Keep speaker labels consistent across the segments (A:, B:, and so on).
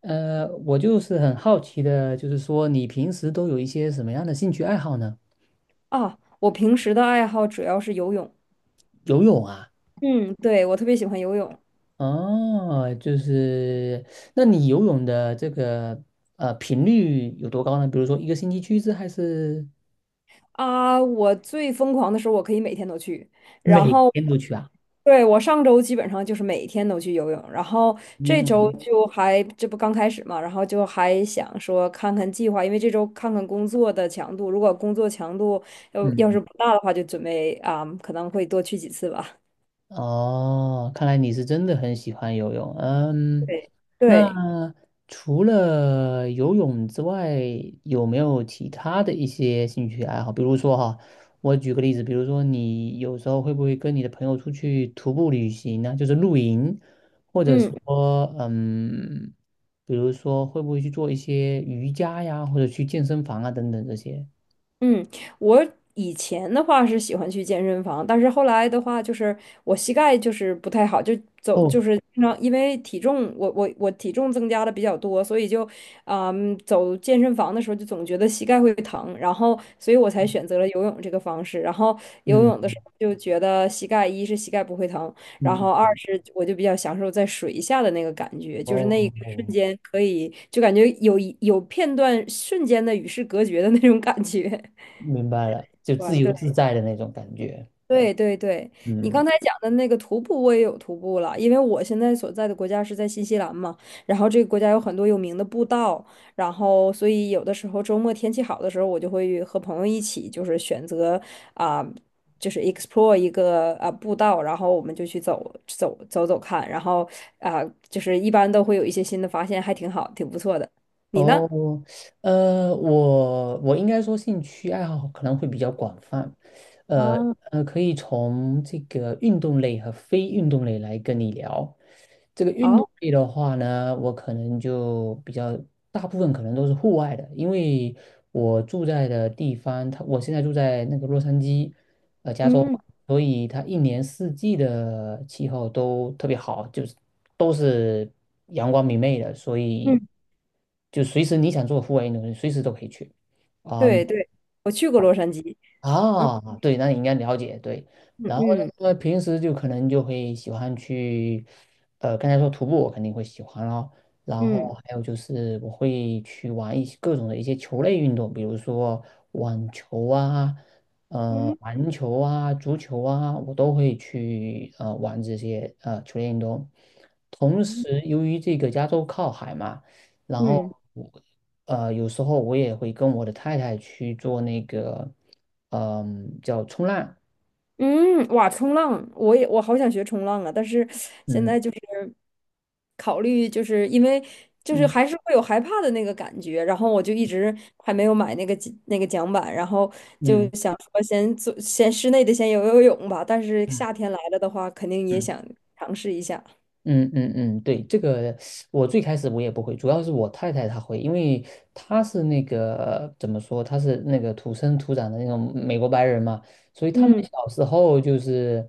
A: 我就是很好奇的，就是说你平时都有一些什么样的兴趣爱好呢？
B: 啊，我平时的爱好主要是游泳。
A: 游泳啊，
B: 嗯，对，我特别喜欢游泳。
A: 哦，就是，那你游泳的这个频率有多高呢？比如说一个星期去一次，还是
B: 啊！我最疯狂的时候，我可以每天都去。然
A: 每
B: 后，
A: 天都去啊？
B: 对，我上周基本上就是每天都去游泳，然后这
A: 嗯
B: 周
A: 嗯
B: 就还，这不刚开始嘛，然后就还想说看看计划，因为这周看看工作的强度，如果工作强度要是
A: 嗯
B: 不大的话，就准备啊，可能会多去几次吧。
A: 嗯哦，看来你是真的很喜欢游泳。嗯，
B: 对对，
A: 那除了游泳之外，有没有其他的一些兴趣爱好？比如说哈，我举个例子，比如说你有时候会不会跟你的朋友出去徒步旅行呢？就是露营，或者
B: 嗯。
A: 说比如说会不会去做一些瑜伽呀，或者去健身房啊等等这些？
B: 嗯，我以前的话是喜欢去健身房，但是后来的话，就是我膝盖就是不太好，就走
A: 哦，
B: 就是经常因为体重，我体重增加的比较多，所以就，嗯，走健身房的时候就总觉得膝盖会疼，然后所以我才选择了游泳这个方式。然后游泳的
A: 嗯
B: 时候就觉得膝盖一是膝盖不会疼，然
A: 嗯，
B: 后二是我就比较享受在水下的那个感觉，就是那一个瞬
A: 哦，
B: 间可以就感觉有一有片段瞬间的与世隔绝的那种感觉。
A: 明白了，就自
B: 玩
A: 由
B: 对，
A: 自在的那种感觉。
B: 对对对，你
A: 嗯
B: 刚才讲的那个徒步，我也有徒步了，因为我现在所在的国家是在新西兰嘛，然后这个国家有很多有名的步道，然后所以有的时候周末天气好的时候，我就会和朋友一起，就是选择啊、就是 explore 一个步道，然后我们就去走走走走看，然后啊、就是一般都会有一些新的发现，还挺好，挺不错的。你呢？
A: 哦，我应该说兴趣爱好可能会比较广泛，呃
B: 啊，
A: 可以从这个运动类和非运动类来跟你聊。这个运动
B: 好，
A: 类的话呢，我可能就比较大部分可能都是户外的，因为我住在的地方，我现在住在那个洛杉矶，加州嘛，
B: 嗯
A: 所以它一年四季的气候都特别好，就是都是阳光明媚的，所以
B: 嗯，
A: 就随时你想做户外运动，随时都可以去。嗯
B: 对对，我去过洛杉矶，嗯
A: 啊，对，那你应该了解，对。
B: 嗯
A: 然后
B: 嗯。
A: 呢，平时就可能就会喜欢去，刚才说徒步我肯定会喜欢咯，然后
B: 嗯
A: 还有就是我会去玩一些各种的一些球类运动，比如说网球啊，
B: 嗯
A: 篮球啊，足球啊，我都会去玩这些球类运动。同时，由于这个加州靠海嘛，然
B: 嗯
A: 后有时候我也会跟我的太太去做那个。嗯，叫冲浪，
B: 嗯，哇，冲浪，我也我好想学冲浪啊，但是现
A: 嗯
B: 在就是考虑，就是因为就是
A: 嗯
B: 还是会有害怕的那个感觉，然后我就一直还没有买那个那个桨板，然后就
A: 嗯
B: 想说先做先室内的先游游泳吧，但是夏
A: 嗯
B: 天来了的话，肯定也
A: 嗯
B: 想尝试一下。
A: 嗯嗯嗯，对，这个我最开始我也不会，主要是我太太她会，因为她是那个怎么说，她是那个土生土长的那种美国白人嘛，所以他们
B: 嗯，
A: 小时候就是。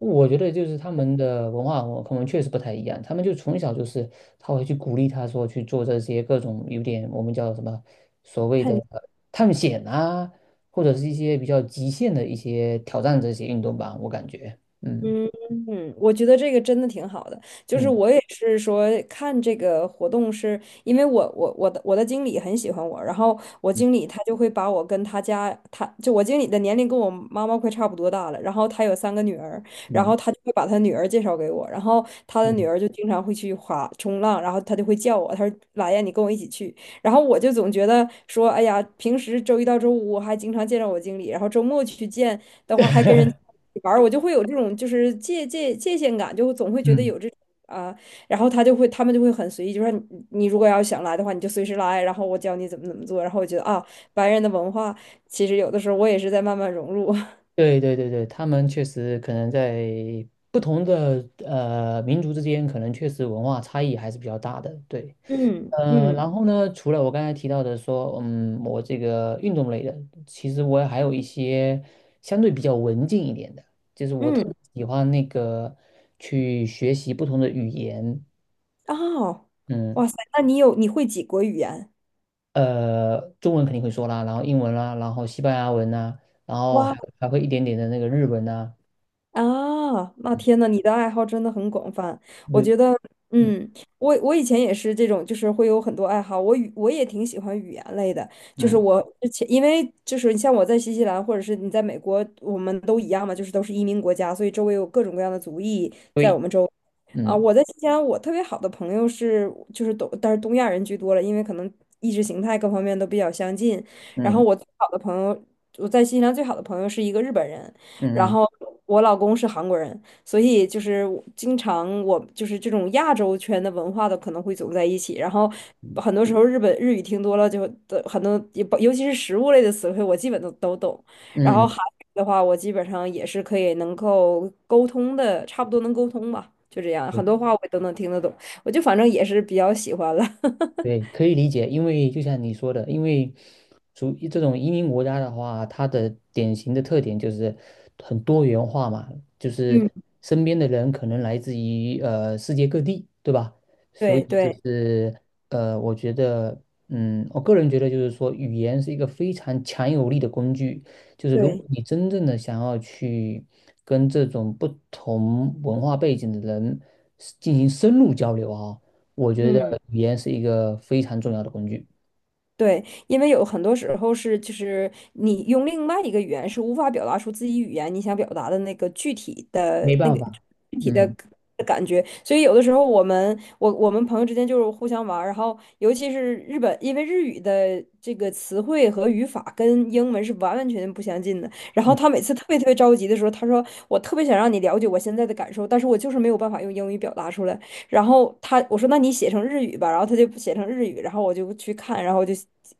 A: 我觉得就是他们的文化，我可能确实不太一样。他们就从小就是他会去鼓励他说去做这些各种有点我们叫什么所谓的探险啊，或者是一些比较极限的一些挑战这些运动吧。我感觉，嗯
B: 嗯嗯，我觉得这个真的挺好的。就是
A: 嗯
B: 我也是说看这个活动是，因为我我的经理很喜欢我，然后我
A: 嗯
B: 经理他就会把我跟他家，他就我经理的年龄跟我妈妈快差不多大了，然后他有三个女儿，然
A: 嗯
B: 后他就会把他女儿介绍给我，然后他的女
A: 嗯
B: 儿就经常会去滑冲浪，然后他就会叫我，他说来呀，你跟我一起去。然后我就总觉得说，哎呀，平时周一到周五我还经常见着我经理，然后周末去见。的话还跟人 玩儿，我就会有这种就是界限感，就总会觉得
A: 嗯，
B: 有这种啊，然后他们就会很随意，就说你如果要想来的话，你就随时来，然后我教你怎么怎么做，然后我觉得啊，白人的文化其实有的时候我也是在慢慢融入，
A: 对对对对，他们确实可能在不同的民族之间，可能确实文化差异还是比较大的。对。
B: 嗯嗯
A: 然后呢，除了我刚才提到的说，我这个运动类的，其实我还有一些相对比较文静一点的，就是我特
B: 嗯，
A: 别喜欢那个去学习不同的语言，
B: 哦，
A: 嗯，
B: 哇塞，那你有你会几国语言？
A: 中文肯定会说啦，然后英文啦，然后西班牙文呐，然后还
B: 哇
A: 还会一点点的那个日文呐，
B: 啊，那
A: 嗯
B: 天呐，你的爱好真的很广泛。我
A: 对，
B: 觉得，
A: 嗯
B: 嗯，我以前也是这种，就是会有很多爱好。我也挺喜欢语言类的，就是
A: 嗯，
B: 我之前因为就是你像我在新西兰或者是你在美国，我们都一样嘛，就是都是移民国家，所以周围有各种各样的族裔在我
A: 对，
B: 们周围。啊，
A: 嗯
B: 我在新西兰，我特别好的朋友是就是东，但是东亚人居多了，因为可能意识形态各方面都比较相近。然后
A: 嗯
B: 我最好的朋友，我在新西兰最好的朋友是一个日本人。然
A: 嗯
B: 后我老公是韩国人，所以就是我经常我就是这种亚洲圈的文化的可能会走在一起，然后很多时候日本日语听多了就的很多，也不尤其是食物类的词汇，我基本都懂。然
A: 嗯
B: 后
A: 嗯，
B: 韩语的话，我基本上也是可以能够沟通的，差不多能沟通吧，就这样，
A: 对
B: 很多话我都能听得懂，我就反正也是比较喜欢了。
A: 对，可以理解，因为就像你说的，因为属于这种移民国家的话，它的典型的特点就是很多元化嘛，就
B: 嗯，
A: 是身边的人可能来自于世界各地，对吧？所以
B: 对
A: 就
B: 对
A: 是我觉得，我个人觉得就是说，语言是一个非常强有力的工具，就是如果
B: 对，
A: 你真正的想要去跟这种不同文化背景的人进行深入交流啊。我觉得
B: 嗯。
A: 语言是一个非常重要的工具，
B: 对，因为有很多时候是，就是你用另外一个语言是无法表达出自己语言你想表达的那个具体的
A: 没
B: 那
A: 办
B: 个
A: 法，
B: 具体的
A: 嗯
B: 感觉，所以有的时候我我们朋友之间就是互相玩儿，然后尤其是日本，因为日语的这个词汇和语法跟英文是完完全全不相近的，然后
A: 嗯
B: 他每次特别特别着急的时候，他说我特别想让你了解我现在的感受，但是我就是没有办法用英语表达出来。然后他我说那你写成日语吧，然后他就写成日语，然后我就去看，然后就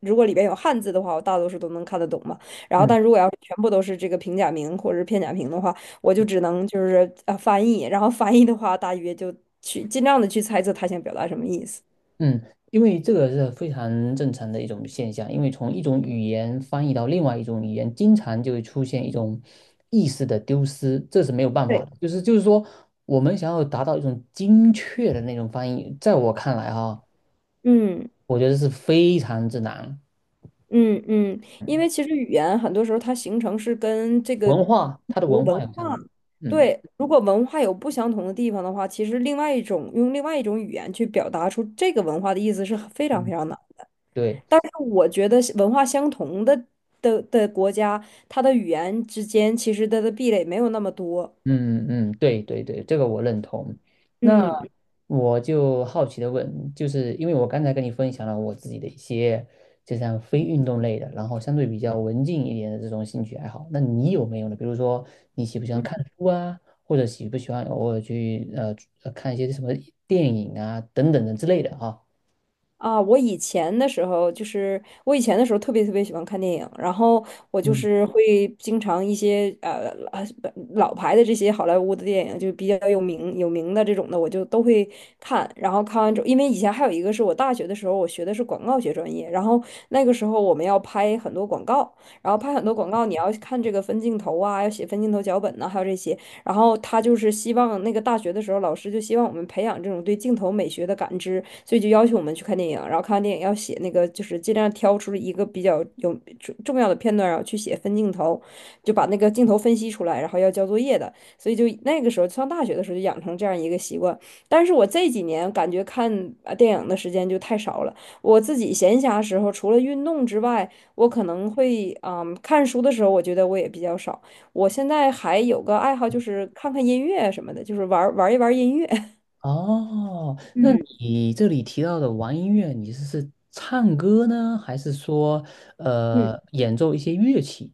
B: 如果里边有汉字的话，我大多数都能看得懂嘛。然后
A: 嗯
B: 但如果要是全部都是这个平假名或者是片假名的话，我就只能就是翻译，然后翻译的话大约就去尽量的去猜测他想表达什么意思。
A: 嗯，因为这个是非常正常的一种现象，因为从一种语言翻译到另外一种语言，经常就会出现一种意识的丢失，这是没有办法
B: 对，
A: 的。就是说，我们想要达到一种精确的那种翻译，在我看来哈，
B: 嗯。
A: 我觉得是非常之难。
B: 嗯嗯，因为其实语言很多时候它形成是跟这个
A: 文化，它的
B: 由
A: 文
B: 文
A: 化有
B: 化，
A: 相关，嗯
B: 对，如果文化有不相同的地方的话，其实另外一种用另外一种语言去表达出这个文化的意思是很非常非
A: 嗯，
B: 常难。
A: 对。
B: 但是我觉得是文化相同的国家，它的语言之间其实它的壁垒没有那么多。
A: 嗯嗯，对对对，这个我认同。那
B: 嗯。
A: 我就好奇的问，就是因为我刚才跟你分享了我自己的一些，就像非运动类的，然后相对比较文静一点的这种兴趣爱好，那你有没有呢？比如说你喜不喜欢看书啊，或者喜不喜欢偶尔去看一些什么电影啊等等的之类的哈？
B: 啊，我以前的时候就是我以前的时候特别特别喜欢看电影，然后我就
A: 嗯，
B: 是会经常一些老牌的这些好莱坞的电影，就比较有名的这种的，我就都会看。然后看完之后，因为以前还有一个是我大学的时候，我学的是广告学专业，然后那个时候我们要拍很多广告，然后拍很多广告，你要看这个分镜头啊，要写分镜头脚本呐、还有这些。然后他就是希望那个大学的时候，老师就希望我们培养这种对镜头美学的感知，所以就要求我们去看电影，然后看完电影要写那个，就是尽量挑出一个比较重要的片段，然后去写分镜头，就把那个镜头分析出来，然后要交作业的。所以就那个时候上大学的时候就养成这样一个习惯。但是我这几年感觉看电影的时间就太少了，我自己闲暇时候除了运动之外，我可能会看书的时候，我觉得我也比较少。我现在还有个爱好，就是看看音乐什么的，就是玩音乐。
A: 哦，那
B: 嗯
A: 你这里提到的玩音乐，你是唱歌呢，还是说
B: 嗯。
A: 演奏一些乐器？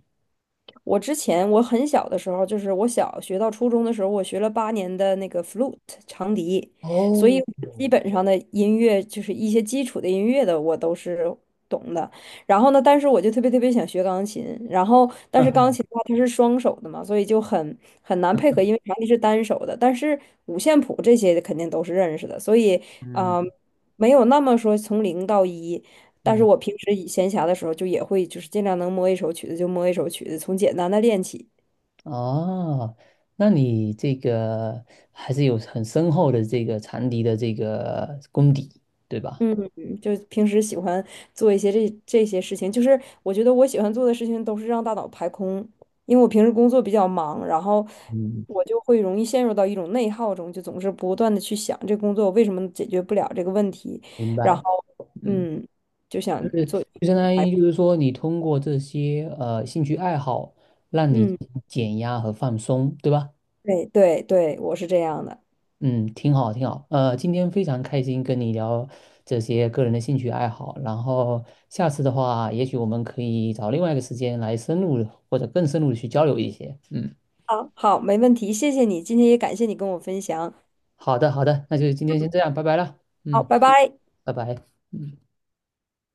B: 我之前我很小的时候，就是我小学到初中的时候，我学了8年的那个 flute 长笛，所以
A: 哦，
B: 我基本上的音乐就是一些基础的音乐的我都是懂的。然后呢，但是我就特别特别想学钢琴，然后 但是钢
A: 嗯
B: 琴的话它是双手的嘛，所以就很难配合，因为长笛是单手的，但是五线谱这些肯定都是认识的，所以啊、呃
A: 嗯
B: 没有那么说从零到一，但是
A: 嗯，
B: 我平时以闲暇的时候，就也会就是尽量能摸一首曲子就摸一首曲子，从简单的练起。
A: 哦，那你这个还是有很深厚的这个长笛的这个功底，对吧？
B: 嗯，就平时喜欢做一些这些事情，就是我觉得我喜欢做的事情都是让大脑排空，因为我平时工作比较忙，然后
A: 嗯，
B: 我就会容易陷入到一种内耗中，就总是不断的去想这工作为什么解决不了这个问题，
A: 明
B: 然后
A: 白。嗯，
B: 嗯，就
A: 就
B: 想
A: 是
B: 做，
A: 就相当于就是说，你通过这些兴趣爱好，让你
B: 嗯，
A: 减压和放松，对吧？
B: 对对对，我是这样的。
A: 嗯，挺好，挺好。今天非常开心跟你聊这些个人的兴趣爱好，然后下次的话，也许我们可以找另外一个时间来深入地或者更深入的去交流一些。嗯，
B: 好，好，没问题，谢谢你，今天也感谢你跟我分享，
A: 好的，好的，那就今天先这样，拜拜了。
B: 好，
A: 嗯，
B: 拜拜。
A: 拜拜。嗯。